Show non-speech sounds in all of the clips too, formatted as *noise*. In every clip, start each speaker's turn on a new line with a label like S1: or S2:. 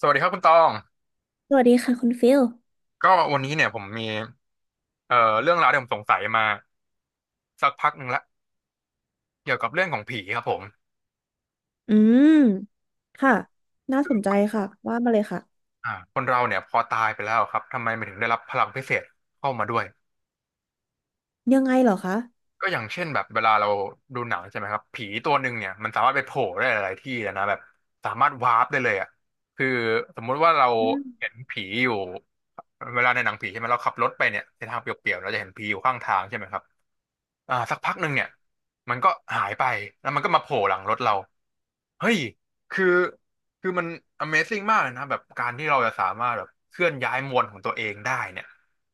S1: สวัสดีครับคุณตอง
S2: สวัสดีค่ะคุณฟิล
S1: ก็วันนี้เนี่ยผมมีเอ่อเรื่องราวที่ผมสงสัยมาสักพักหนึ่งละเกี่ยวกับเรื่องของผีครับผม
S2: อืมค่ะน่าสนใจค่ะว่ามาเลยค่ะ
S1: คนเราเนี่ยพอตายไปแล้วครับทำไมมันถึงได้รับพลังพิเศษเข้ามาด้วย
S2: ยังไงเหรอคะ
S1: ก็อย่างเช่นแบบเวลาเราดูหนังใช่ไหมครับผีตัวหนึ่งเนี่ยมันสามารถไปโผล่ได้หลายๆที่เลยนะแบบสามารถวาร์ปได้เลยอ่ะคือสมมุติว่าเรา
S2: อืม
S1: เห็นผีอยู่เวลาในหนังผีใช่ไหมเราขับรถไปเนี่ยในทางเปลี่ยวๆเราจะเห็นผีอยู่ข้างทางใช่ไหมครับสักพักหนึ่งเนี่ยมันก็หายไปแล้วมันก็มาโผล่หลังรถเรา เฮ้ยคือคือมัน Amazing มากเลยนะแบบการที่เราจะสามารถแบบเคลื่อนย้ายมวลของตัวเองได้เนี่ย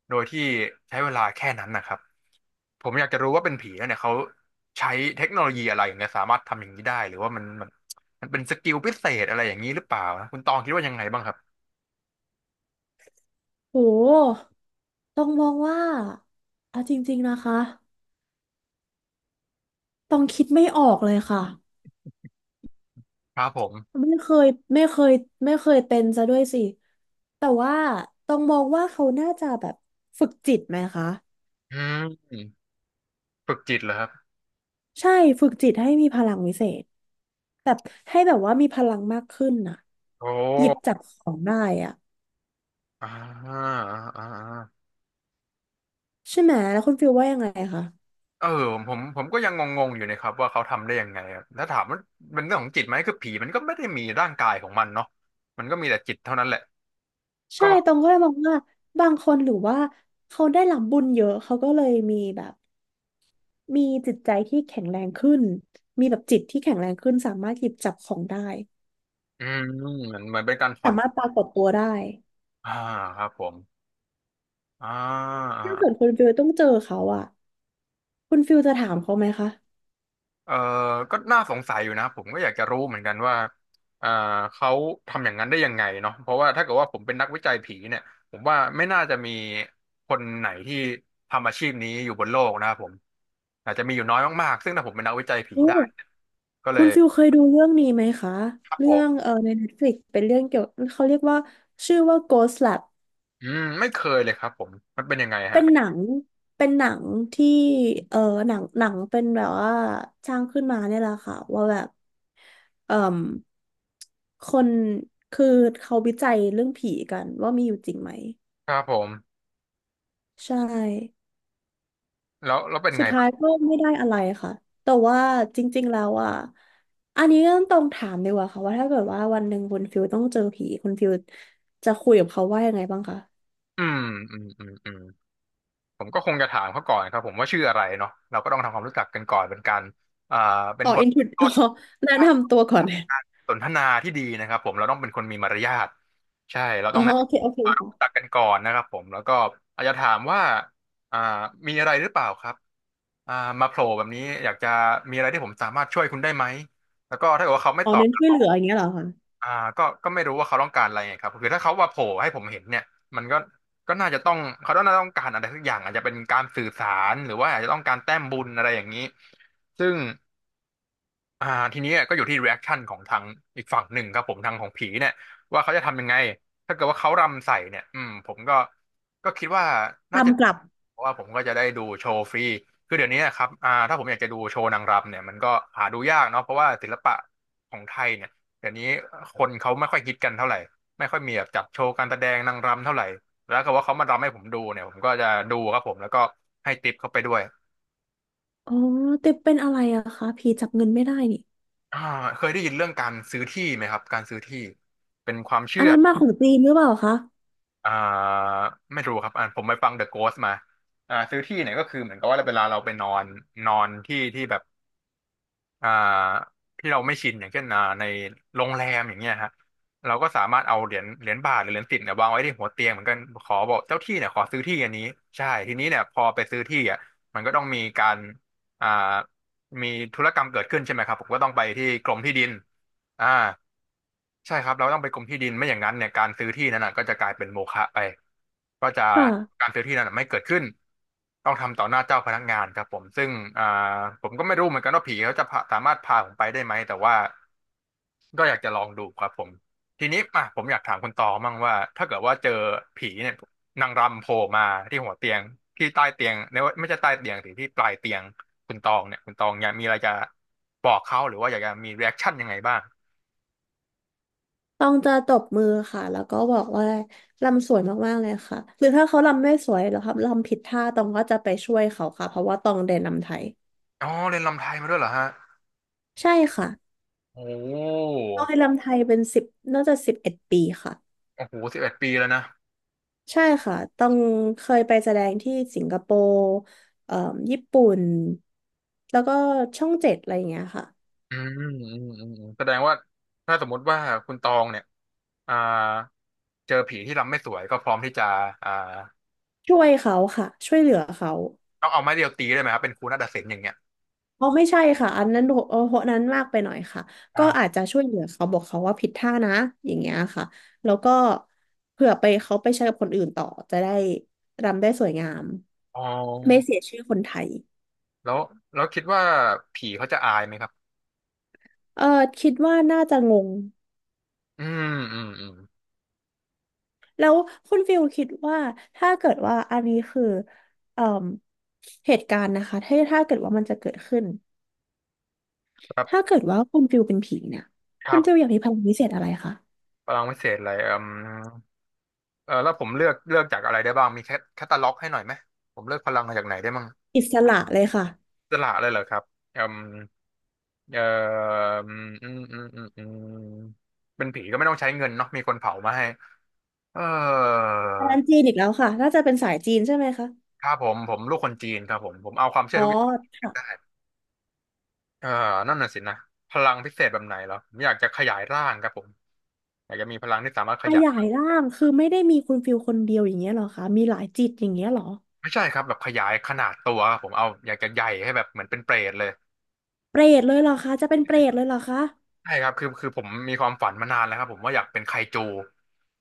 S1: โดยที่ใช้เวลาแค่นั้นนะครับ ผมอยากจะรู้ว่าเป็นผีแล้วเนี่ยเขาใช้เทคโนโลยีอะไรเนี่ยสามารถทำอย่างนี้ได้หรือว่ามันเป็นสกิลพิเศษอะไรอย่างนี้หรือเปล่านะคุณตองคิดว่ายังไงบ้างครับ
S2: โหต้องมองว่าอะจริงๆนะคะต้องคิดไม่ออกเลยค่ะ
S1: ครับผม
S2: ไม่เคยไม่เคยไม่เคยเป็นซะด้วยสิ แต่ว่าต้องมองว่าเขาน่าจะแบบฝึกจิตไหมคะ
S1: อืมฝึกจิตเหรอครับ
S2: ใช่ฝึกจิตให้มีพลังวิเศษแบบให้แบบว่ามีพลังมากขึ้นน่ะ
S1: โอ
S2: หยิบ
S1: ้
S2: จับของได้อ่ะ
S1: อ่าอ่าอ่า
S2: ใช่ไหมแล้วคุณฟิลว่ายังไงคะ
S1: เออผมก็ยังงงๆอยู่นะครับว่าเขาทำได้ยังไงอะถ้าถามว่าเป็นเรื่องของจิตไหมคือผีมันก็ไม่ได้มีร่างกายของมันเนาะมันก็มีแต่จิตเท่านั้นแหละก็
S2: ใช่ตองก็เลยมองว่าบางคนหรือว่าเขาได้รับบุญเยอะเขาก็เลยมีแบบมีจิตใจที่แข็งแรงขึ้นมีแบบจิตที่แข็งแรงขึ้นสามารถหยิบจับของได้
S1: อืมเหมือนเป็นการพอ
S2: สา
S1: ด
S2: มารถปรากฏตัวได้
S1: อ่าครับผมอ่า
S2: ถ้าเกิดคุณฟิลต้องเจอเขาอะคุณฟิลจะถามเขาไหมคะ
S1: เออก็น่าสงสัยอยู่นะผมก็อยากจะรู้เหมือนกันว่าเออเขาทำอย่างนั้นได้ยังไงเนาะเพราะว่าถ้าเกิดว่าผมเป็นนักวิจัยผีเนี่ยผมว่าไม่น่าจะมีคนไหนที่ทำอาชีพนี้อยู่บนโลกนะครับผมอาจจะมีอยู่น้อยมากๆซึ่งถ้าผมเป็นนักวิจัยผี
S2: โอ้
S1: ได้เนี่ยก็เล
S2: คุณ
S1: ย
S2: ฟิลเคยดูเรื่องนี้ไหมคะ
S1: ครับผ
S2: เรื่อง
S1: ม
S2: ใน Netflix เป็นเรื่องเกี่ยวเขาเรียกว่าชื่อว่า Ghost Lab
S1: ไม่เคยเลยครับผมมันเป็นยังไง
S2: เป็
S1: ฮะ
S2: นหนังเป็นหนังที่เออหนังเป็นแบบว่าสร้างขึ้นมาเนี่ยแหละค่ะว่าแบบเอ่มคนคือเขาวิจัยเรื่องผีกันว่ามีอยู่จริงไหม
S1: ครับผม
S2: ใช่
S1: แล้วเป็น
S2: สุ
S1: ไง
S2: ดท้า
S1: บ้า
S2: ย
S1: ง
S2: ก็ไม่ได้อะไรค่ะแต่ว่าจริงๆแล้วอ่ะอันนี้ก็ต้องถามดีกว่าค่ะว่าถ้าเกิดว่าวันหนึ่งคุณฟิลต้องเจอผีคุณฟิลจะคุยกับเขาว่ายังไงบ้างคะ
S1: อืมอืมอืมอืม ผมก็คงจะถามเขาก่อนครับผมว่าชื่ออะไรเนาะเราก็ต้องทำความรู้จักกันก่อนเป็นการอ่าเป็น
S2: อ๋อ
S1: บท
S2: อินทร
S1: เริ่มต้
S2: อ๋อ
S1: น
S2: แนะ
S1: กา
S2: นำตัวก่อน
S1: ร
S2: *laughs*
S1: สนทนาที่ดีนะครับผมเราต้องเป็นคนมีมารยาทใช่เรา
S2: อ๋อ
S1: ต้องแนะ
S2: โอเคโอเค
S1: นำรู้จั
S2: ค่ะ
S1: กกันก่อนนะครับผมแล้วก็อาจจะถามว่าอ่ามีอะไรหรือเปล่าครับอ่ามาโผล่แบบนี้อยากจะมีอะไรที่ผมสามารถช่วยคุณได้ไหมแล้วก็ถ้าเกิดว่าเขาไม่
S2: อ๋อ
S1: ตอบ
S2: เน้นช่วยเหลืออย่างเงี้ยเหรอคะ
S1: อ่าก็ไม่รู้ว่าเขาต้องการอะไรไงครับคือถ้าเขาว่าโผล่ให้ผมเห็นเนี่ยมันก็น่าจะต้องเขาต้องน่าต้องการอะไรสักอย่างอาจจะเป็นการสื่อสารหรือว่าอาจจะต้องการแต้มบุญอะไรอย่างนี้ซึ่ง อ่าทีนี้ก็อยู่ที่ reaction ของทางอีกฝั่งหนึ่งครับผมทางของผีเนี่ยว่าเขาจะทำยังไงถ้าเกิดว่าเขารำใส่เนี่ยผมก็คิดว่าน่าจะ
S2: กำกลับ
S1: เพราะว่าผมก็จะได้ดูโชว์ฟรีคือเดี๋ยวนี้นะครับถ้าผมอยากจะดูโชว์นางรำเนี่ยมันก็หาดูยากเนาะเพราะว่าศิลปะของไทยเนี่ยเดี๋ยวนี้คนเขาไม่ค่อยฮิตกันเท่าไหร่ไม่ค่อยมีแบบจัดโชว์การแสดงนางรำเท่าไหร่แล้วก็ว่าเขามารำให้ผมดูเนี่ยผมก็จะดูครับผมแล้วก็ให้ติปเขาไปด้วย
S2: อ๋อแต่เป็นอะไรอะคะผีจับเงินไม่ได้นี่
S1: อ่าเคยได้ยินเรื่องการซื้อที่ไหมครับการซื้อที่เป็นความ
S2: อั
S1: เชื่
S2: น
S1: อ
S2: นั้นมาของจีนหรือเปล่าคะ
S1: อ่าไม่รู้ครับผมไปฟัง The Ghost มาซื้อที่เนี่ยก็คือเหมือนกับว่าเวลาเราไปนอนนอนที่ที่แบบอ่าที่เราไม่ชินอย่างเช่นในโรงแรมอย่างเงี้ยฮะเราก็สามารถเอาเหรียญเหรียญบาทหรือเหรียญสิบเนี่ยวางไว้ที่หัวเตียงเหมือนกันขอบอกเจ้าที่เนี่ยขอซื้อที่อันนี้ใช่ทีนี้เนี่ยพอไปซื้อที่อ่ะมันก็ต้องมีการอ่ามีธุรกรรมเกิดขึ้นใช่ไหมครับผมก็ต้องไปที่กรมที่ดิน อ่าใช่ครับเราต้องไปกรมที่ดินไม่อย่างนั้นเนี่ยการซื้อที่นั้นน่ะก็จะกลายเป็นโมฆะไปก็จะ
S2: ค่ะ
S1: การซื้อที่นั้นน่ะไม่เกิดขึ้นต้องทำต่อหน้าเจ้าพนักงานครับผมซึ่งอ่าผมก็ไม่รู้เหมือนกันว่าผีเขาจะสามารถพาผมไปได้ไหมแต่ว่าก็อยากจะลองดูครับผมทีนี้อ่ะผมอยากถามคุณตองมั่งว่าถ้าเกิดว่าเจอผีเนี่ยนางรำโผล่มาที่หัวเตียงที่ใต้เตียงเนี่ยไม่ใช่ใต้เตียงสิที่ปลายเตียงคุณตองเนี่ยคุณตองอยากมีอะไรจะบอกเขาหรือว่าอยากจะมีรีแอคชั่นยังไงบ้าง
S2: ต้องจะตบมือค่ะ แล้วก็บอกว่าลำสวยมากๆเลยค่ะ หรือถ้าเขาลำไม่สวยหรือครับลำผิดท่าตองก็จะไปช่วยเขาค่ะเพราะว่าตองเรียนลำไทย
S1: อ๋อเรียนรำไทยมาด้วยเหรอฮะ
S2: ใช่ค่ะ
S1: โอ้
S2: ตองเรียนลำไทยเป็นสิบน่าจะสิบเอ็ดปีค่ะ
S1: โอ้โห11 ปีแล้วนะ
S2: ใช่ค่ะต้องเคยไปแสดงที่สิงคโปร์เอ่อญี่ปุ่นแล้วก็ช่องเจ็ดอะไรอย่างเงี้ยค่ะ
S1: แสดงว่าถ้าสมมติว่าคุณตองเนี่ยอ่าเจอผีที่รำไม่สวยก็พร้อมที่จะอ่า
S2: ช่วยเขาค่ะช่วยเหลือเขา
S1: ต้องเอาไม้เรียวตีได้ไหมครับเป็นครูนาฏศิลป์อย่างเงี้ย
S2: อ๋อไม่ใช่ค่ะอันนั้นโหโหนั้นมากไปหน่อยค่ะ
S1: ค
S2: ก็
S1: รั
S2: อา
S1: บ
S2: จจะช่วยเหลือเขาบอกเขาว่าผิดท่านะอย่างเงี้ยค่ะแล้วก็เผื่อไปเขาไปใช้กับคนอื่นต่อจะได้รำได้สวยงาม
S1: อ๋
S2: ไม่
S1: อ
S2: เสียชื่อคนไทย
S1: แล้วแล้วคิดว่าผีเขาจะอายไหมครับ
S2: เออคิดว่าน่าจะงง
S1: อืมอืมอืม
S2: แล้วคุณฟิลคิดว่าถ้าเกิดว่าอันนี้คือเอ่มเหตุการณ์นะคะถ้าเกิดว่ามันจะเกิดขึ้น
S1: ครั
S2: ถ้า
S1: บ
S2: เกิดว่าคุณฟิลเป็นผีเนี่ย
S1: ค
S2: คุ
S1: รั
S2: ณ
S1: บ
S2: ฟิลอยากมีพลังพิเศษอะไรคะ
S1: พลังวิเศษอะไรเออแล้วผมเลือกจากอะไรได้บ้างมีแคตตาล็อกให้หน่อยไหมผมเลือกพลังมาจากไหนได้บ้าง
S2: อิสระเลยค่ะ
S1: สละเลยเหรอครับอืม เอ่ออืมอืมอืมอืมอืมเป็นผีก็ไม่ต้องใช้เงินเนาะมีคนเผามาให้เออ
S2: ร้านจีนอีกแล้วค่ะน่าจะเป็นสายจีนใช่ไหมคะ
S1: ครับผมลูกคนจีนครับผมเอาความเชื่
S2: อ๋
S1: อ
S2: อ
S1: ทุกอย่างได้
S2: ค่ะ
S1: เออนั่นน่ะสินะพลังพิเศษแบบไหนเหรอผมอยากจะขยายร่างครับผมอยากจะมีพลังที่สามารถข
S2: ข
S1: ยาย
S2: ยายร่างคือไม่ได้มีคุณฟิลคนเดียวอย่างเงี้ยเหรอคะมีหลายจิตอย่างเงี้ยเหรอ
S1: ไม่ใช่ครับแบบขยายขนาดตัวครับผมเอาอยากจะใหญ่ให้แบบเหมือนเป็นเปรตเลย
S2: เปรตเลยเหรอคะจะเป็นเปรตเลยเหรอคะ
S1: ใช่ครับคือผมมีความฝันมานานแล้วครับผมว่าอยากเป็นไคจู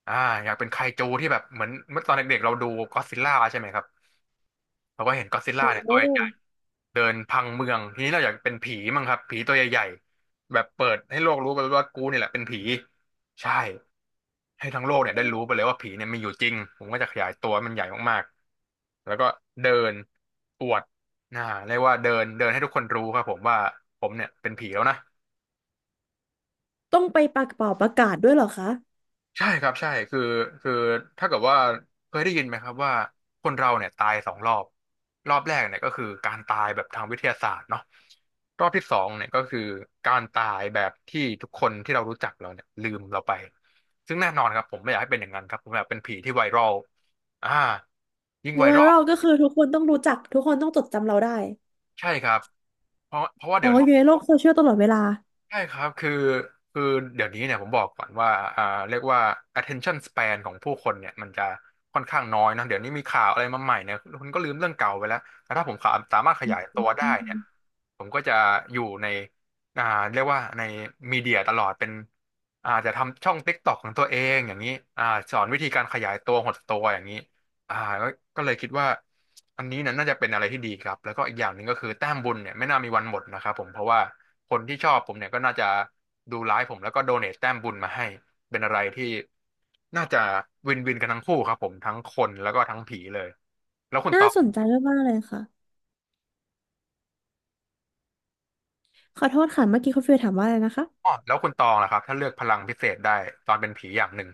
S1: อ่าอยากเป็นไคจูที่แบบเหมือนเมื่อตอนเด็กๆเราดูก็อดซิลล่าใช่ไหมครับเราก็เห็นก็อดซิลล่า
S2: โอ้
S1: เนี่ย
S2: โห
S1: ตัวใหญ่ เดินพังเมืองทีนี้เราอยากเป็นผีมั้งครับผีตัวใหญ่ๆแบบเปิดให้โลกรู้ไปว่ากูเนี่ยแหละเป็นผีใช่ให้ทั้งโลกเนี่ยได้รู้ไปเลยว่าผีเนี่ยมีอยู่จริงผมก็จะขยายตัวให้มันใหญ่มากๆแล้วก็เดินอวดนะเรียกว่าเดินเดินให้ทุกคนรู้ครับผมว่าผมเนี่ยเป็นผีแล้วนะ
S2: ต้องไปปากเป่าประกาศด้วยเหรอคะ
S1: ใช่ครับใช่คือถ้าเกิดว่าเคยได้ยินไหมครับว่าคนเราเนี่ยตายสองรอบรอบแรกเนี่ยก็คือการตายแบบทางวิทยาศาสตร์เนาะรอบที่สองเนี่ยก็คือการตายแบบที่ทุกคนที่เรารู้จักเราเนี่ยลืมเราไปซึ่งแน่นอนครับผมไม่อยากให้เป็นอย่างนั้นครับผมอยากเป็นผีที่ไวรัลอ่ายิ่ง
S2: มี
S1: ไว
S2: ไว
S1: รัล
S2: รัลก็คือทุกคนต้องรู้จักทุกคนต้องจดจำเราได้
S1: ใช่ครับเพราะว่า
S2: อ๋อ
S1: เดี๋ยว
S2: อยู่ในโลกโซเชียลตลอดเวลา
S1: ใช่ครับคือเดี๋ยวนี้เนี่ยผมบอกก่อนว่าอ่าเรียกว่า attention span ของผู้คนเนี่ยมันจะค่อนข้างน้อยนะเดี๋ยวนี้มีข่าวอะไรมาใหม่เนี่ยคุณก็ลืมเรื่องเก่าไปแล้วแต่ถ้าผมขาสามารถขยายตัวได้
S2: อื
S1: เนี่ย
S2: ม
S1: ผมก็จะอยู่ในอ่าเรียกว่าในมีเดียตลอดเป็นอาจจะทำช่อง TikTok ของตัวเองอย่างนี้อ่าสอนวิธีการขยายตัวหดตัวอย่างนี้ อ่าก็ก็เลยคิดว่าอันนี้นี่น่าจะเป็นอะไรที่ดีครับแล้วก็อีกอย่างหนึ่งก็คือแต้มบุญเนี่ยไม่น่ามีวันหมดนะครับผมเพราะว่าคนที่ชอบผมเนี่ยก็น่าจะดูไลฟ์ผมแล้วก็โดเนทแต้มบุญมาให้เป็นอะไรที่น่าจะวินวินกันทั้งคู่ครับผมทั้งคนแล้วก็ทั้งผีเลยแล้วคุณต
S2: น่า
S1: อง
S2: สนใจมากๆเลยค่ะขอโทษค่ะเมื่อกี้คุณฟิลถามว่าอะไรนะคะ
S1: อ๋อแล้วคุณตองล่ะครับถ้าเลือกพลังพิเศษได้ตอนเป็นผีอย่างหนึ่ง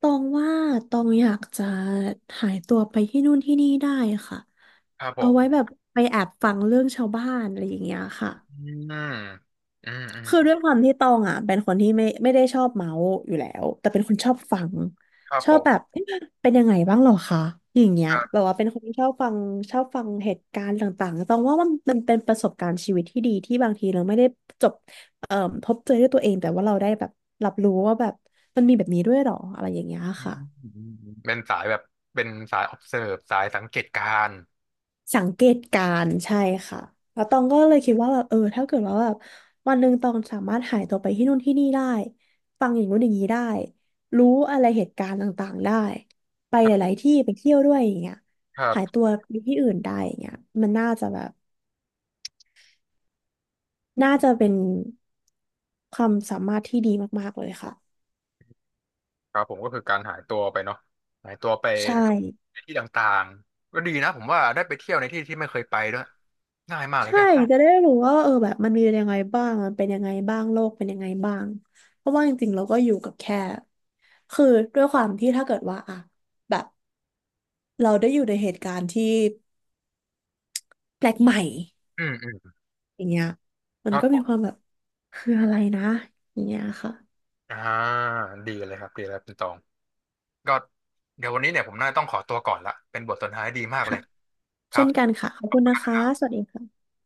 S2: ตองว่าตองอยากจะหายตัวไปที่นู่นที่นี่ได้ค่ะ
S1: ครับผ
S2: เอา
S1: ม
S2: ไว้แบบไปแอบฟังเรื่องชาวบ้านอะไรอย่างเงี้ยค่ะ
S1: อืมอืมอืม
S2: คือด้วยความที่ตองอ่ะเป็นคนที่ไม่ได้ชอบเมาส์อยู่แล้วแต่เป็นคนชอบฟัง
S1: ครับ
S2: ช
S1: ผ
S2: อบแบ
S1: ม
S2: บเอ๊ะเป็นยังไงบ้างหรอคะอย่างเงี้ย
S1: ครั
S2: แบ
S1: บ
S2: บว่าเป็นคนที่ชอบฟังเหตุการณ์ต่างๆตองว่ามันเป็นประสบการณ์ชีวิตที่ดีที่บางทีเราไม่ได้จบเอ่อพบเจอด้วยตัวเองแต่ว่าเราได้แบบรับรู้ว่าแบบมันมีแบบนี้ด้วยหรออะไรอย่างเงี้ย
S1: อื
S2: ค่ะ
S1: มเป็นสายแบบเป็นสาย observe สายสังเกตการณ์
S2: สังเกตการณ์ใช่ค่ะแล้วตองก็เลยคิดว่าแบบเออถ้าเกิดว่าแบบวันหนึ่งตองสามารถหายตัวไปที่นู่นที่นี่ได้ฟังอย่างนู้นอย่างนี้ได้รู้อะไรเหตุการณ์ต่างๆได้ไปหลายๆที่ไปเที่ยวด้วยอย่างเงี้ย
S1: ครั
S2: หาย
S1: บ
S2: ตัวไปที่อื่นได้อย่างเงี้ยมันน่าจะแบบน่าจะเป็นความสามารถที่ดีมากๆเลยค่ะ
S1: ครับผมก็คือการหายตัวไปเนาะหายตัวไป
S2: ใช่
S1: ในที่ต่างๆก็ดีนะผมว่าได้ไปเที่ยวในที่ที่ไม่เคยไปด้วยง่ายมากเลย
S2: ใช่
S1: แก
S2: ค่ะจะได้รู้ว่าเออแบบมันมียังไงบ้างมันเป็นยังไงบ้างโลกเป็นยังไงบ้างเพราะว่าจริงๆเราก็อยู่กับแค่คือด้วยความที่ถ้าเกิดว่าอะแบบเราได้อยู่ในเหตุการณ์ที่แปลกใหม่
S1: อืมอืม
S2: อย่างเงี้ยมั
S1: ค
S2: น
S1: รับ
S2: ก็
S1: ผ
S2: มีความ
S1: ม
S2: แบบคืออะไรนะอย่างเงี้ยค่ะ
S1: อ่าดีเลยครับดีแล้วคุณตองก็เดี๋ยววันนี้เนี่ยผมน่าจะต้องขอตัวก่อนละเป็นบทสนทนาที่ดีมากเล
S2: ค่ะ
S1: ยครั
S2: เช่
S1: บ
S2: นกันค่ะขอบ
S1: ขอบ
S2: คุณ
S1: คุณ
S2: นะ
S1: นะ
S2: คะ
S1: ครับ
S2: สวัสดีค่ะ